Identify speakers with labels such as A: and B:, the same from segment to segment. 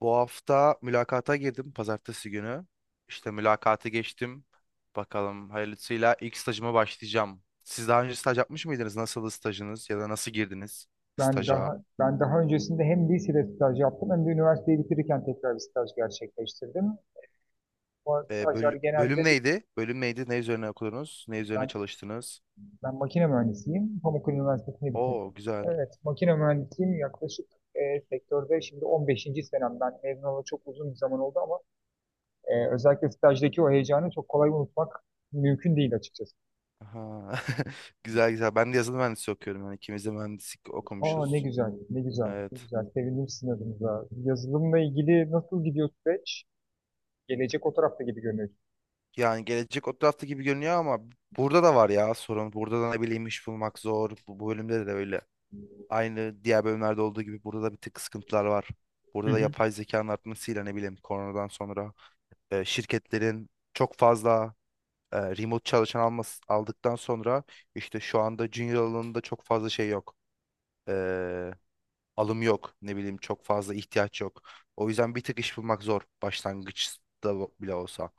A: Bu hafta mülakata girdim pazartesi günü. İşte mülakatı geçtim. Bakalım hayırlısıyla ilk stajıma başlayacağım. Siz daha önce staj yapmış mıydınız? Nasıldı stajınız ya da nasıl girdiniz
B: Ben
A: staja?
B: daha ben daha öncesinde hem lisede staj yaptım hem de üniversiteyi bitirirken tekrar bir staj gerçekleştirdim. Bu stajlar
A: Bölüm
B: genelde bir-
A: neydi? Bölüm neydi? Ne üzerine okudunuz? Ne üzerine
B: ben,
A: çalıştınız?
B: ben makine mühendisiyim. Pamukkale Üniversitesi'ni bitirdim.
A: Oo, güzel.
B: Evet, makine mühendisiyim yaklaşık sektörde şimdi 15. senemden mezun olalı çok uzun bir zaman oldu ama özellikle stajdaki o heyecanı çok kolay unutmak mümkün değil açıkçası.
A: Aha. Güzel güzel. Ben de yazılım mühendisliği okuyorum. Yani ikimiz de mühendislik
B: Aa ne
A: okumuşuz.
B: güzel, ne güzel, ne
A: Evet.
B: güzel. Sevindim sizin adınıza. Yazılımla ilgili nasıl gidiyor süreç? Gelecek o tarafta gibi görünüyor.
A: Yani gelecek o tarafta gibi görünüyor ama burada da var ya sorun. Burada da ne bileyim iş bulmak zor. Bu bölümde de öyle. Aynı diğer bölümlerde olduğu gibi burada da bir tık sıkıntılar var. Burada da yapay zekanın artmasıyla ne bileyim koronadan sonra şirketlerin çok fazla remote çalışan aldıktan sonra işte şu anda junior alanında çok fazla şey yok. E, Alım yok, ne bileyim çok fazla ihtiyaç yok. O yüzden bir tık iş bulmak zor, başlangıçta bile olsa.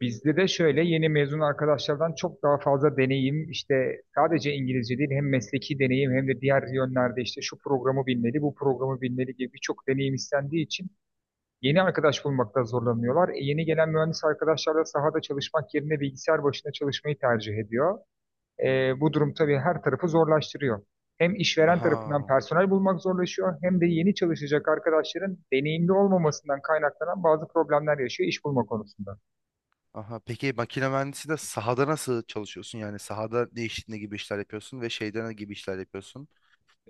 B: Bizde de şöyle yeni mezun arkadaşlardan çok daha fazla deneyim, işte sadece İngilizce değil, hem mesleki deneyim hem de diğer yönlerde işte şu programı bilmeli bu programı bilmeli gibi birçok deneyim istendiği için yeni arkadaş bulmakta zorlanıyorlar. Yeni gelen mühendis arkadaşlar da sahada çalışmak yerine bilgisayar başında çalışmayı tercih ediyor. Bu durum tabii her tarafı zorlaştırıyor. Hem işveren tarafından
A: Aha.
B: personel bulmak zorlaşıyor hem de yeni çalışacak arkadaşların deneyimli olmamasından kaynaklanan bazı problemler yaşıyor iş bulma konusunda.
A: Aha, peki makine mühendisi de sahada nasıl çalışıyorsun? Yani sahada ne iş, ne gibi işler yapıyorsun ve şeyden ne gibi işler yapıyorsun?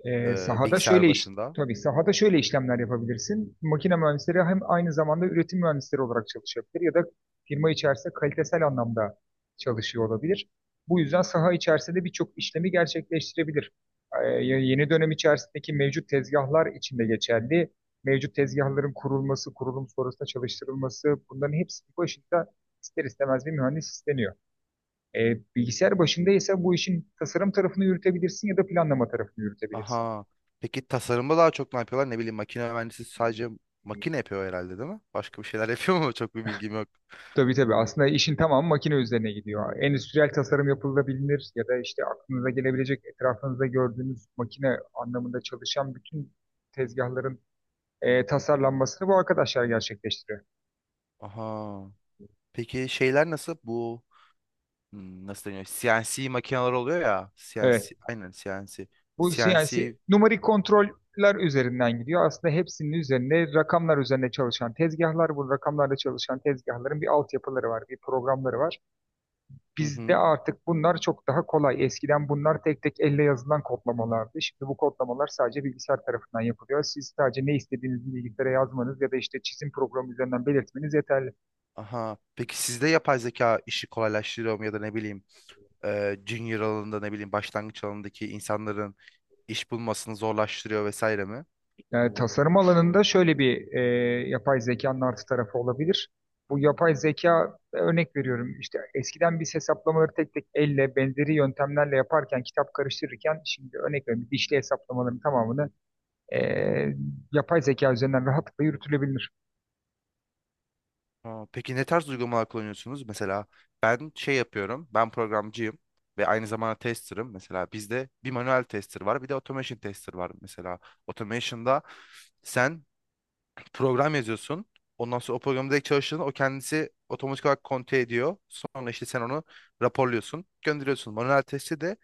B: Ee, sahada şöyle
A: Bilgisayar
B: iş,
A: başında.
B: tabii sahada şöyle işlemler yapabilirsin. Makine mühendisleri hem aynı zamanda üretim mühendisleri olarak çalışabilir ya da firma içerisinde kalitesel anlamda çalışıyor olabilir. Bu yüzden saha içerisinde birçok işlemi gerçekleştirebilir. Yeni dönem içerisindeki mevcut tezgahlar içinde geçerli. Mevcut tezgahların kurulması, kurulum sonrasında çalıştırılması bunların hepsinin başında ister istemez bir mühendis isteniyor. Bilgisayar başında ise bu işin tasarım tarafını yürütebilirsin ya da planlama tarafını yürütebilirsin.
A: Aha. Peki tasarımda daha çok ne yapıyorlar? Ne bileyim, makine mühendisi sadece makine yapıyor herhalde, değil mi? Başka bir şeyler yapıyor mu? Çok bir bilgim yok.
B: Tabii tabii. Aslında işin tamamı makine üzerine gidiyor. Endüstriyel tasarım yapılabilir ya da işte aklınıza gelebilecek etrafınızda gördüğünüz makine anlamında çalışan bütün tezgahların tasarlanmasını bu arkadaşlar gerçekleştiriyor.
A: Aha. Peki şeyler nasıl? Bu nasıl deniyor? CNC makineler oluyor ya.
B: Evet.
A: CNC, aynen CNC.
B: Bu
A: CNC.
B: CNC numarik kontroller üzerinden gidiyor. Aslında hepsinin üzerinde rakamlar üzerine çalışan tezgahlar, bu rakamlarla çalışan tezgahların bir altyapıları var, bir programları var.
A: Hı
B: Bizde
A: hı.
B: artık bunlar çok daha kolay. Eskiden bunlar tek tek elle yazılan kodlamalardı. Şimdi bu kodlamalar sadece bilgisayar tarafından yapılıyor. Siz sadece ne istediğinizi bilgisayara yazmanız ya da işte çizim programı üzerinden belirtmeniz yeterli.
A: Aha. Peki sizde yapay zeka işi kolaylaştırıyor mu, ya da ne bileyim junior alanında, ne bileyim başlangıç alanındaki insanların iş bulmasını zorlaştırıyor vesaire mi?
B: Yani tasarım alanında şöyle bir yapay zekanın artı tarafı olabilir. Bu yapay zeka, örnek veriyorum, işte eskiden biz hesaplamaları tek tek elle benzeri yöntemlerle yaparken kitap karıştırırken şimdi örnek veriyorum dişli hesaplamaların tamamını e, yapay zeka üzerinden rahatlıkla yürütülebilir.
A: Aa, peki ne tarz uygulamalar kullanıyorsunuz? Mesela ben şey yapıyorum. Ben programcıyım ve aynı zamanda tester'ım. Mesela bizde bir manuel tester var, bir de automation tester var. Mesela automation'da sen program yazıyorsun. Ondan sonra o programı direkt çalıştığında o kendisi otomatik olarak konte ediyor. Sonra işte sen onu raporluyorsun, gönderiyorsun. Manuel testi de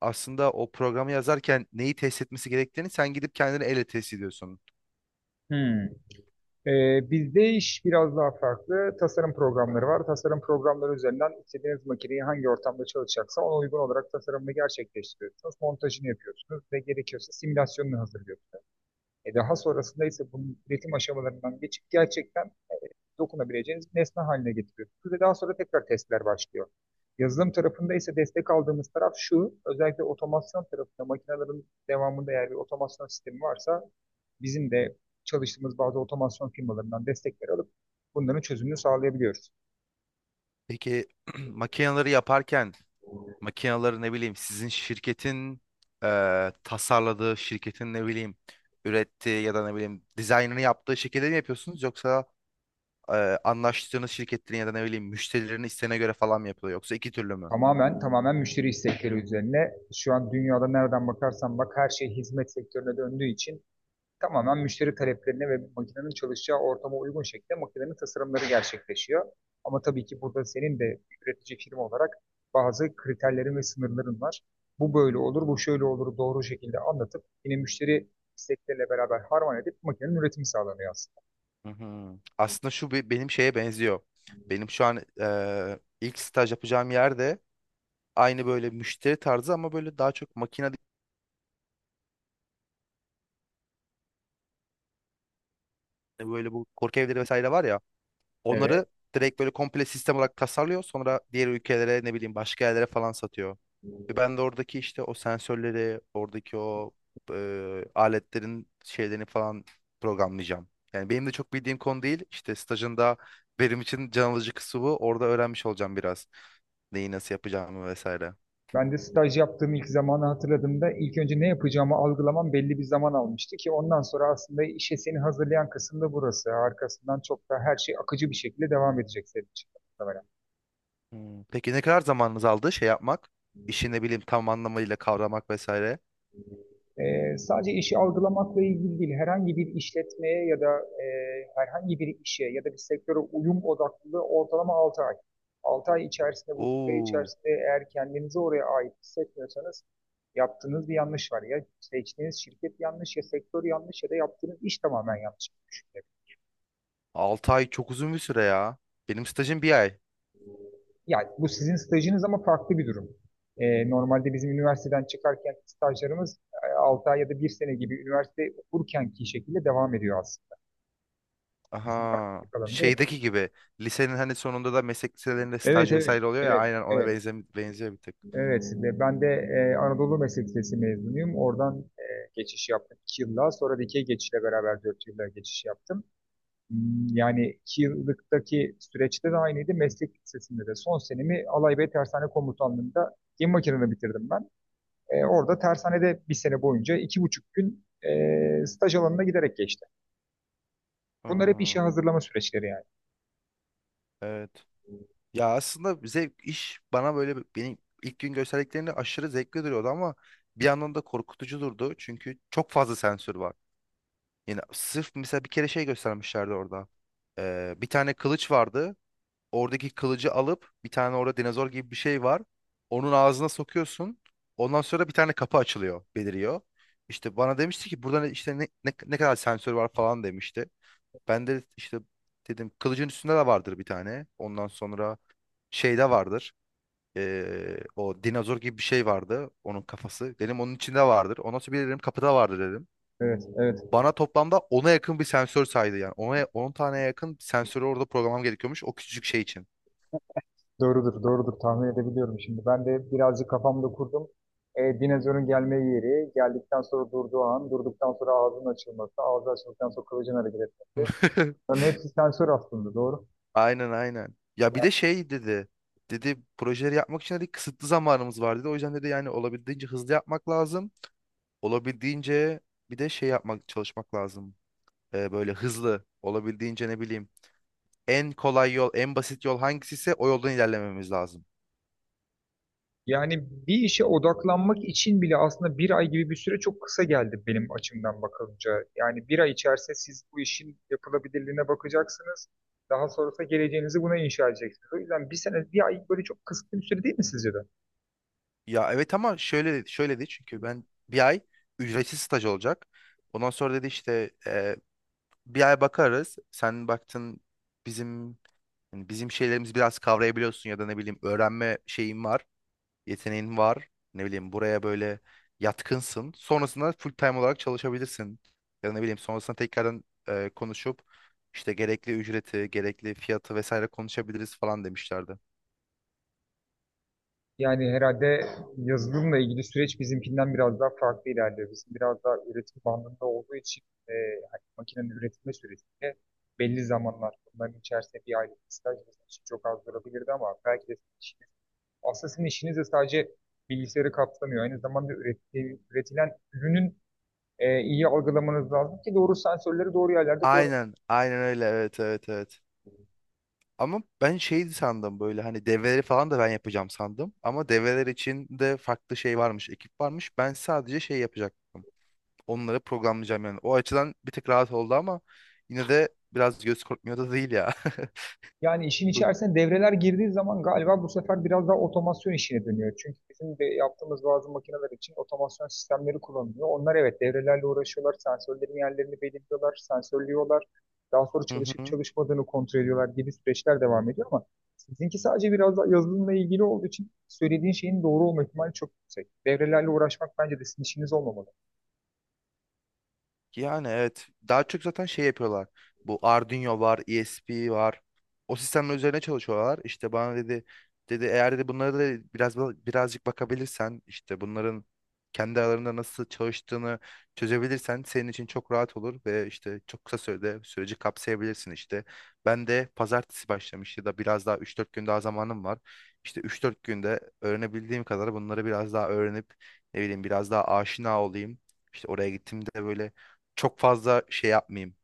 A: aslında o programı yazarken neyi test etmesi gerektiğini sen gidip kendini elle test ediyorsun.
B: Hmm. Bizde iş biraz daha farklı. Tasarım programları var. Tasarım programları üzerinden istediğiniz makineyi hangi ortamda çalışacaksa ona uygun olarak tasarımını gerçekleştiriyorsunuz. Montajını yapıyorsunuz ve gerekiyorsa simülasyonunu hazırlıyorsunuz. E daha sonrasında ise bunun üretim aşamalarından geçip gerçekten dokunabileceğiniz bir nesne haline getiriyorsunuz ve daha sonra tekrar testler başlıyor. Yazılım tarafında ise destek aldığımız taraf şu, özellikle otomasyon tarafında makinelerin devamında eğer bir otomasyon sistemi varsa bizim de çalıştığımız bazı otomasyon firmalarından destekler alıp bunların çözümünü sağlayabiliyoruz.
A: Peki makineleri yaparken makinaları ne bileyim sizin şirketin tasarladığı şirketin, ne bileyim ürettiği ya da ne bileyim dizaynını yaptığı şekilde mi yapıyorsunuz yoksa anlaştığınız şirketlerin ya da ne bileyim müşterilerin isteğine göre falan mı yapılıyor yoksa iki türlü mü?
B: Tamamen müşteri istekleri üzerine, şu an dünyada nereden bakarsan bak her şey hizmet sektörüne döndüğü için tamamen müşteri taleplerine ve makinenin çalışacağı ortama uygun şekilde makinenin tasarımları gerçekleşiyor. Ama tabii ki burada senin de üretici firma olarak bazı kriterlerin ve sınırların var. Bu böyle olur, bu şöyle olur doğru şekilde anlatıp yine müşteri istekleriyle beraber harman edip makinenin üretimi sağlanıyor aslında.
A: Hı hı. Aslında şu benim şeye benziyor. Benim şu an ilk staj yapacağım yerde aynı böyle müşteri tarzı ama böyle daha çok makine değil, böyle bu korku evleri vesaire var ya, onları
B: Evet.
A: direkt böyle komple sistem olarak tasarlıyor, sonra diğer ülkelere, ne bileyim başka yerlere falan satıyor. Ve ben de oradaki işte o sensörleri, oradaki o aletlerin şeylerini falan programlayacağım. Yani benim de çok bildiğim konu değil. İşte stajında benim için can alıcı kısmı bu. Orada öğrenmiş olacağım biraz. Neyi nasıl yapacağımı vesaire.
B: Ben de staj yaptığım ilk zamanı hatırladığımda ilk önce ne yapacağımı algılamam belli bir zaman almıştı ki ondan sonra aslında işe seni hazırlayan kısım da burası. Arkasından çok daha her şey akıcı bir şekilde devam edecek senin için.
A: Hmm. Peki ne kadar zamanınız aldı şey yapmak? İşi, ne bileyim, tam anlamıyla kavramak vesaire.
B: Sadece işi algılamakla ilgili değil, herhangi bir işletmeye ya da e, herhangi bir işe ya da bir sektöre uyum odaklılığı ortalama 6 ay. 6 ay içerisinde, bu süre
A: Oo,
B: içerisinde eğer kendinizi oraya ait hissetmiyorsanız yaptığınız bir yanlış var. Ya seçtiğiniz şirket yanlış, ya sektör yanlış ya da yaptığınız iş tamamen yanlış.
A: 6 ay çok uzun bir süre ya. Benim stajım bir ay.
B: Yani bu sizin stajınız ama farklı bir durum. Normalde bizim üniversiteden çıkarken stajlarımız 6 ay ya da bir sene gibi üniversite okurkenki şekilde devam ediyor aslında. Bizim üniversite
A: Aha.
B: alanında yapıyoruz.
A: Şeydeki gibi. Lisenin hani sonunda da meslek liselerinde
B: Evet,
A: staj
B: evet,
A: vesaire oluyor ya.
B: evet,
A: Aynen ona
B: evet,
A: benziyor bir tık.
B: evet. Ve ben de Anadolu Meslek Lisesi mezunuyum. Oradan geçiş yaptım iki yılla. Sonra dikey geçişle beraber dört yılla geçiş yaptım. Hmm, yani iki yıllıktaki süreçte de aynıydı. Meslek Lisesi'nde de son senemi Alaybey Tersane Komutanlığı'nda gemi makinelerini bitirdim ben. Orada tersanede bir sene boyunca iki buçuk gün staj alanına giderek geçti. Bunlar hep işe
A: Aa,
B: hazırlama süreçleri yani.
A: evet. Ya aslında zevk iş bana böyle benim ilk gün gösterdiklerinde aşırı zevkli duruyordu ama bir yandan da korkutucu durdu. Çünkü çok fazla sensör var. Yani sırf mesela bir kere şey göstermişlerdi orada. Bir tane kılıç vardı. Oradaki kılıcı alıp bir tane orada dinozor gibi bir şey var. Onun ağzına sokuyorsun. Ondan sonra bir tane kapı açılıyor, beliriyor. İşte bana demişti ki burada işte ne kadar sensör var falan demişti. Ben de işte dedim kılıcın üstünde de vardır bir tane. Ondan sonra şeyde vardır. O dinozor gibi bir şey vardı. Onun kafası. Dedim onun içinde vardır. Ondan sonra bir dedim kapıda vardır dedim.
B: Evet, evet.
A: Bana toplamda 10'a yakın bir sensör saydı yani. Ona 10 taneye yakın sensörü orada programlam gerekiyormuş o küçücük şey için.
B: Doğrudur, doğrudur. Tahmin edebiliyorum şimdi. Ben de birazcık kafamda kurdum. Dinozorun gelme yeri, geldikten sonra durduğu an, durduktan sonra ağzının açılması, ağzı açıldıktan sonra kılıcın hareket etmesi. Bunların hepsi sensör aslında, doğru.
A: Aynen, aynen. Ya, bir
B: Yani
A: de şey dedi. Dedi projeleri yapmak için dedi kısıtlı zamanımız var dedi. O yüzden dedi, yani olabildiğince hızlı yapmak lazım. Olabildiğince bir de şey yapmak, çalışmak lazım. Böyle hızlı olabildiğince, ne bileyim. En kolay yol, en basit yol hangisi ise o yoldan ilerlememiz lazım.
B: yani bir işe odaklanmak için bile aslında bir ay gibi bir süre çok kısa geldi benim açımdan bakılınca. Yani bir ay içerisinde siz bu işin yapılabilirliğine bakacaksınız. Daha sonrasında geleceğinizi buna inşa edeceksiniz. O yüzden bir sene, bir ay böyle çok kısıtlı bir süre değil mi sizce de?
A: Ya evet, ama şöyle şöyle dedi çünkü ben bir ay ücretsiz staj olacak. Ondan sonra dedi işte bir ay bakarız. Sen baktın, bizim yani bizim şeylerimizi biraz kavrayabiliyorsun ya da ne bileyim öğrenme şeyin var, yeteneğin var. Ne bileyim buraya böyle yatkınsın. Sonrasında full time olarak çalışabilirsin. Ya da ne bileyim sonrasında tekrardan konuşup, işte gerekli ücreti, gerekli fiyatı vesaire konuşabiliriz falan demişlerdi.
B: Yani herhalde yazılımla ilgili süreç bizimkinden biraz daha farklı ilerliyor. Bizim biraz daha üretim bandında olduğu için e, hani makinenin üretme sürecinde belli zamanlar bunların içerisinde bir aylık bir staj bizim için çok az durabilirdi ama belki de sizin işiniz, aslında sizin işiniz de sadece bilgisayarı kapsamıyor. Üretilen ürünün iyi algılamanız lazım ki doğru sensörleri doğru yerlerde.
A: Aynen, aynen öyle. Evet, evet, evet. Ama ben şeydi sandım, böyle hani devreleri falan da ben yapacağım sandım. Ama devreler için de farklı şey varmış, ekip varmış. Ben sadece şey yapacaktım. Onları programlayacağım yani. O açıdan bir tık rahat oldu ama yine de biraz göz korkmuyor da değil ya.
B: Yani işin içerisine devreler girdiği zaman galiba bu sefer biraz daha otomasyon işine dönüyor. Çünkü bizim de yaptığımız bazı makineler için otomasyon sistemleri kullanılıyor. Onlar evet devrelerle uğraşıyorlar, sensörlerin yerlerini belirliyorlar, sensörlüyorlar. Daha sonra
A: Hı
B: çalışıp
A: hı.
B: çalışmadığını kontrol ediyorlar gibi süreçler devam ediyor ama sizinki sadece biraz daha yazılımla ilgili olduğu için söylediğin şeyin doğru olma ihtimali çok yüksek. Devrelerle uğraşmak bence de sizin işiniz olmamalı.
A: Yani evet. Daha çok zaten şey yapıyorlar. Bu Arduino var, ESP var. O sistemler üzerine çalışıyorlar. İşte bana dedi, eğer dedi bunları da biraz birazcık bakabilirsen, işte bunların kendi aralarında nasıl çalıştığını çözebilirsen senin için çok rahat olur ve işte çok kısa sürede süreci kapsayabilirsin işte. Ben de pazartesi başlamış ya da biraz daha üç dört gün daha zamanım var. İşte üç dört günde öğrenebildiğim kadar bunları biraz daha öğrenip, ne bileyim biraz daha aşina olayım. İşte oraya gittiğimde böyle çok fazla şey yapmayayım.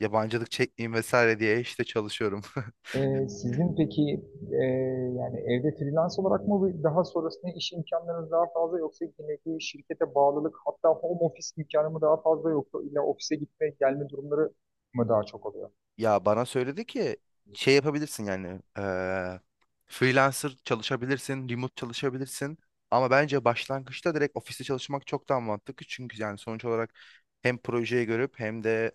A: Yabancılık çekmeyeyim vesaire diye işte çalışıyorum.
B: Sizin peki e, yani evde freelance olarak mı daha sonrasında iş imkanlarınız daha fazla, yoksa yine bir şirkete bağlılık, hatta home office imkanı mı daha fazla, yoksa illa ofise gitme gelme durumları mı daha çok oluyor?
A: Ya bana söyledi ki şey yapabilirsin, yani freelancer çalışabilirsin, remote çalışabilirsin. Ama bence başlangıçta direkt ofiste çalışmak çok daha mantıklı. Çünkü yani sonuç olarak hem projeyi görüp hem de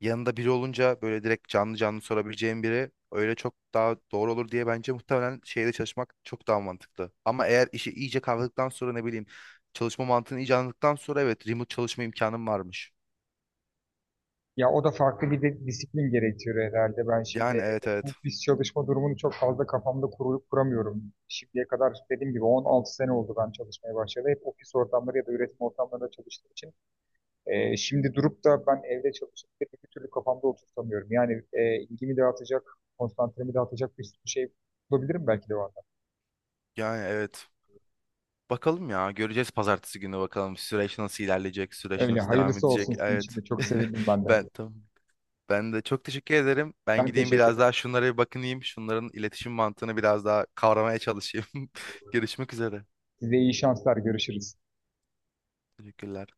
A: yanında biri olunca böyle direkt canlı canlı sorabileceğim biri, öyle çok daha doğru olur diye bence muhtemelen şeyde çalışmak çok daha mantıklı. Ama eğer işi iyice kavradıktan sonra, ne bileyim çalışma mantığını iyice anladıktan sonra, evet, remote çalışma imkanım varmış.
B: Ya o da farklı bir de disiplin gerektiriyor herhalde. Ben şimdi
A: Yani
B: evde
A: evet,
B: home
A: evet.
B: office çalışma durumunu çok fazla kafamda kuramıyorum. Şimdiye kadar dediğim gibi 16 sene oldu ben çalışmaya başladı. Hep ofis ortamları ya da üretim ortamlarında çalıştığım için şimdi durup da ben evde çalışıp da bir türlü kafamda oturtamıyorum. Yani ilgimi dağıtacak, konsantremi dağıtacak bir sürü şey bulabilirim belki de o anda.
A: Yani evet. Bakalım ya, göreceğiz pazartesi günü, bakalım süreç nasıl ilerleyecek, süreç
B: Öyle
A: nasıl devam
B: hayırlısı olsun,
A: edecek.
B: sizin için
A: Evet.
B: de çok sevindim ben de.
A: Ben tamam. Ben de çok teşekkür ederim. Ben
B: Ben
A: gideyim
B: teşekkür
A: biraz
B: ederim.
A: daha şunlara bir bakınayım. Şunların iletişim mantığını biraz daha kavramaya çalışayım. Görüşmek üzere.
B: Size iyi şanslar. Görüşürüz.
A: Teşekkürler.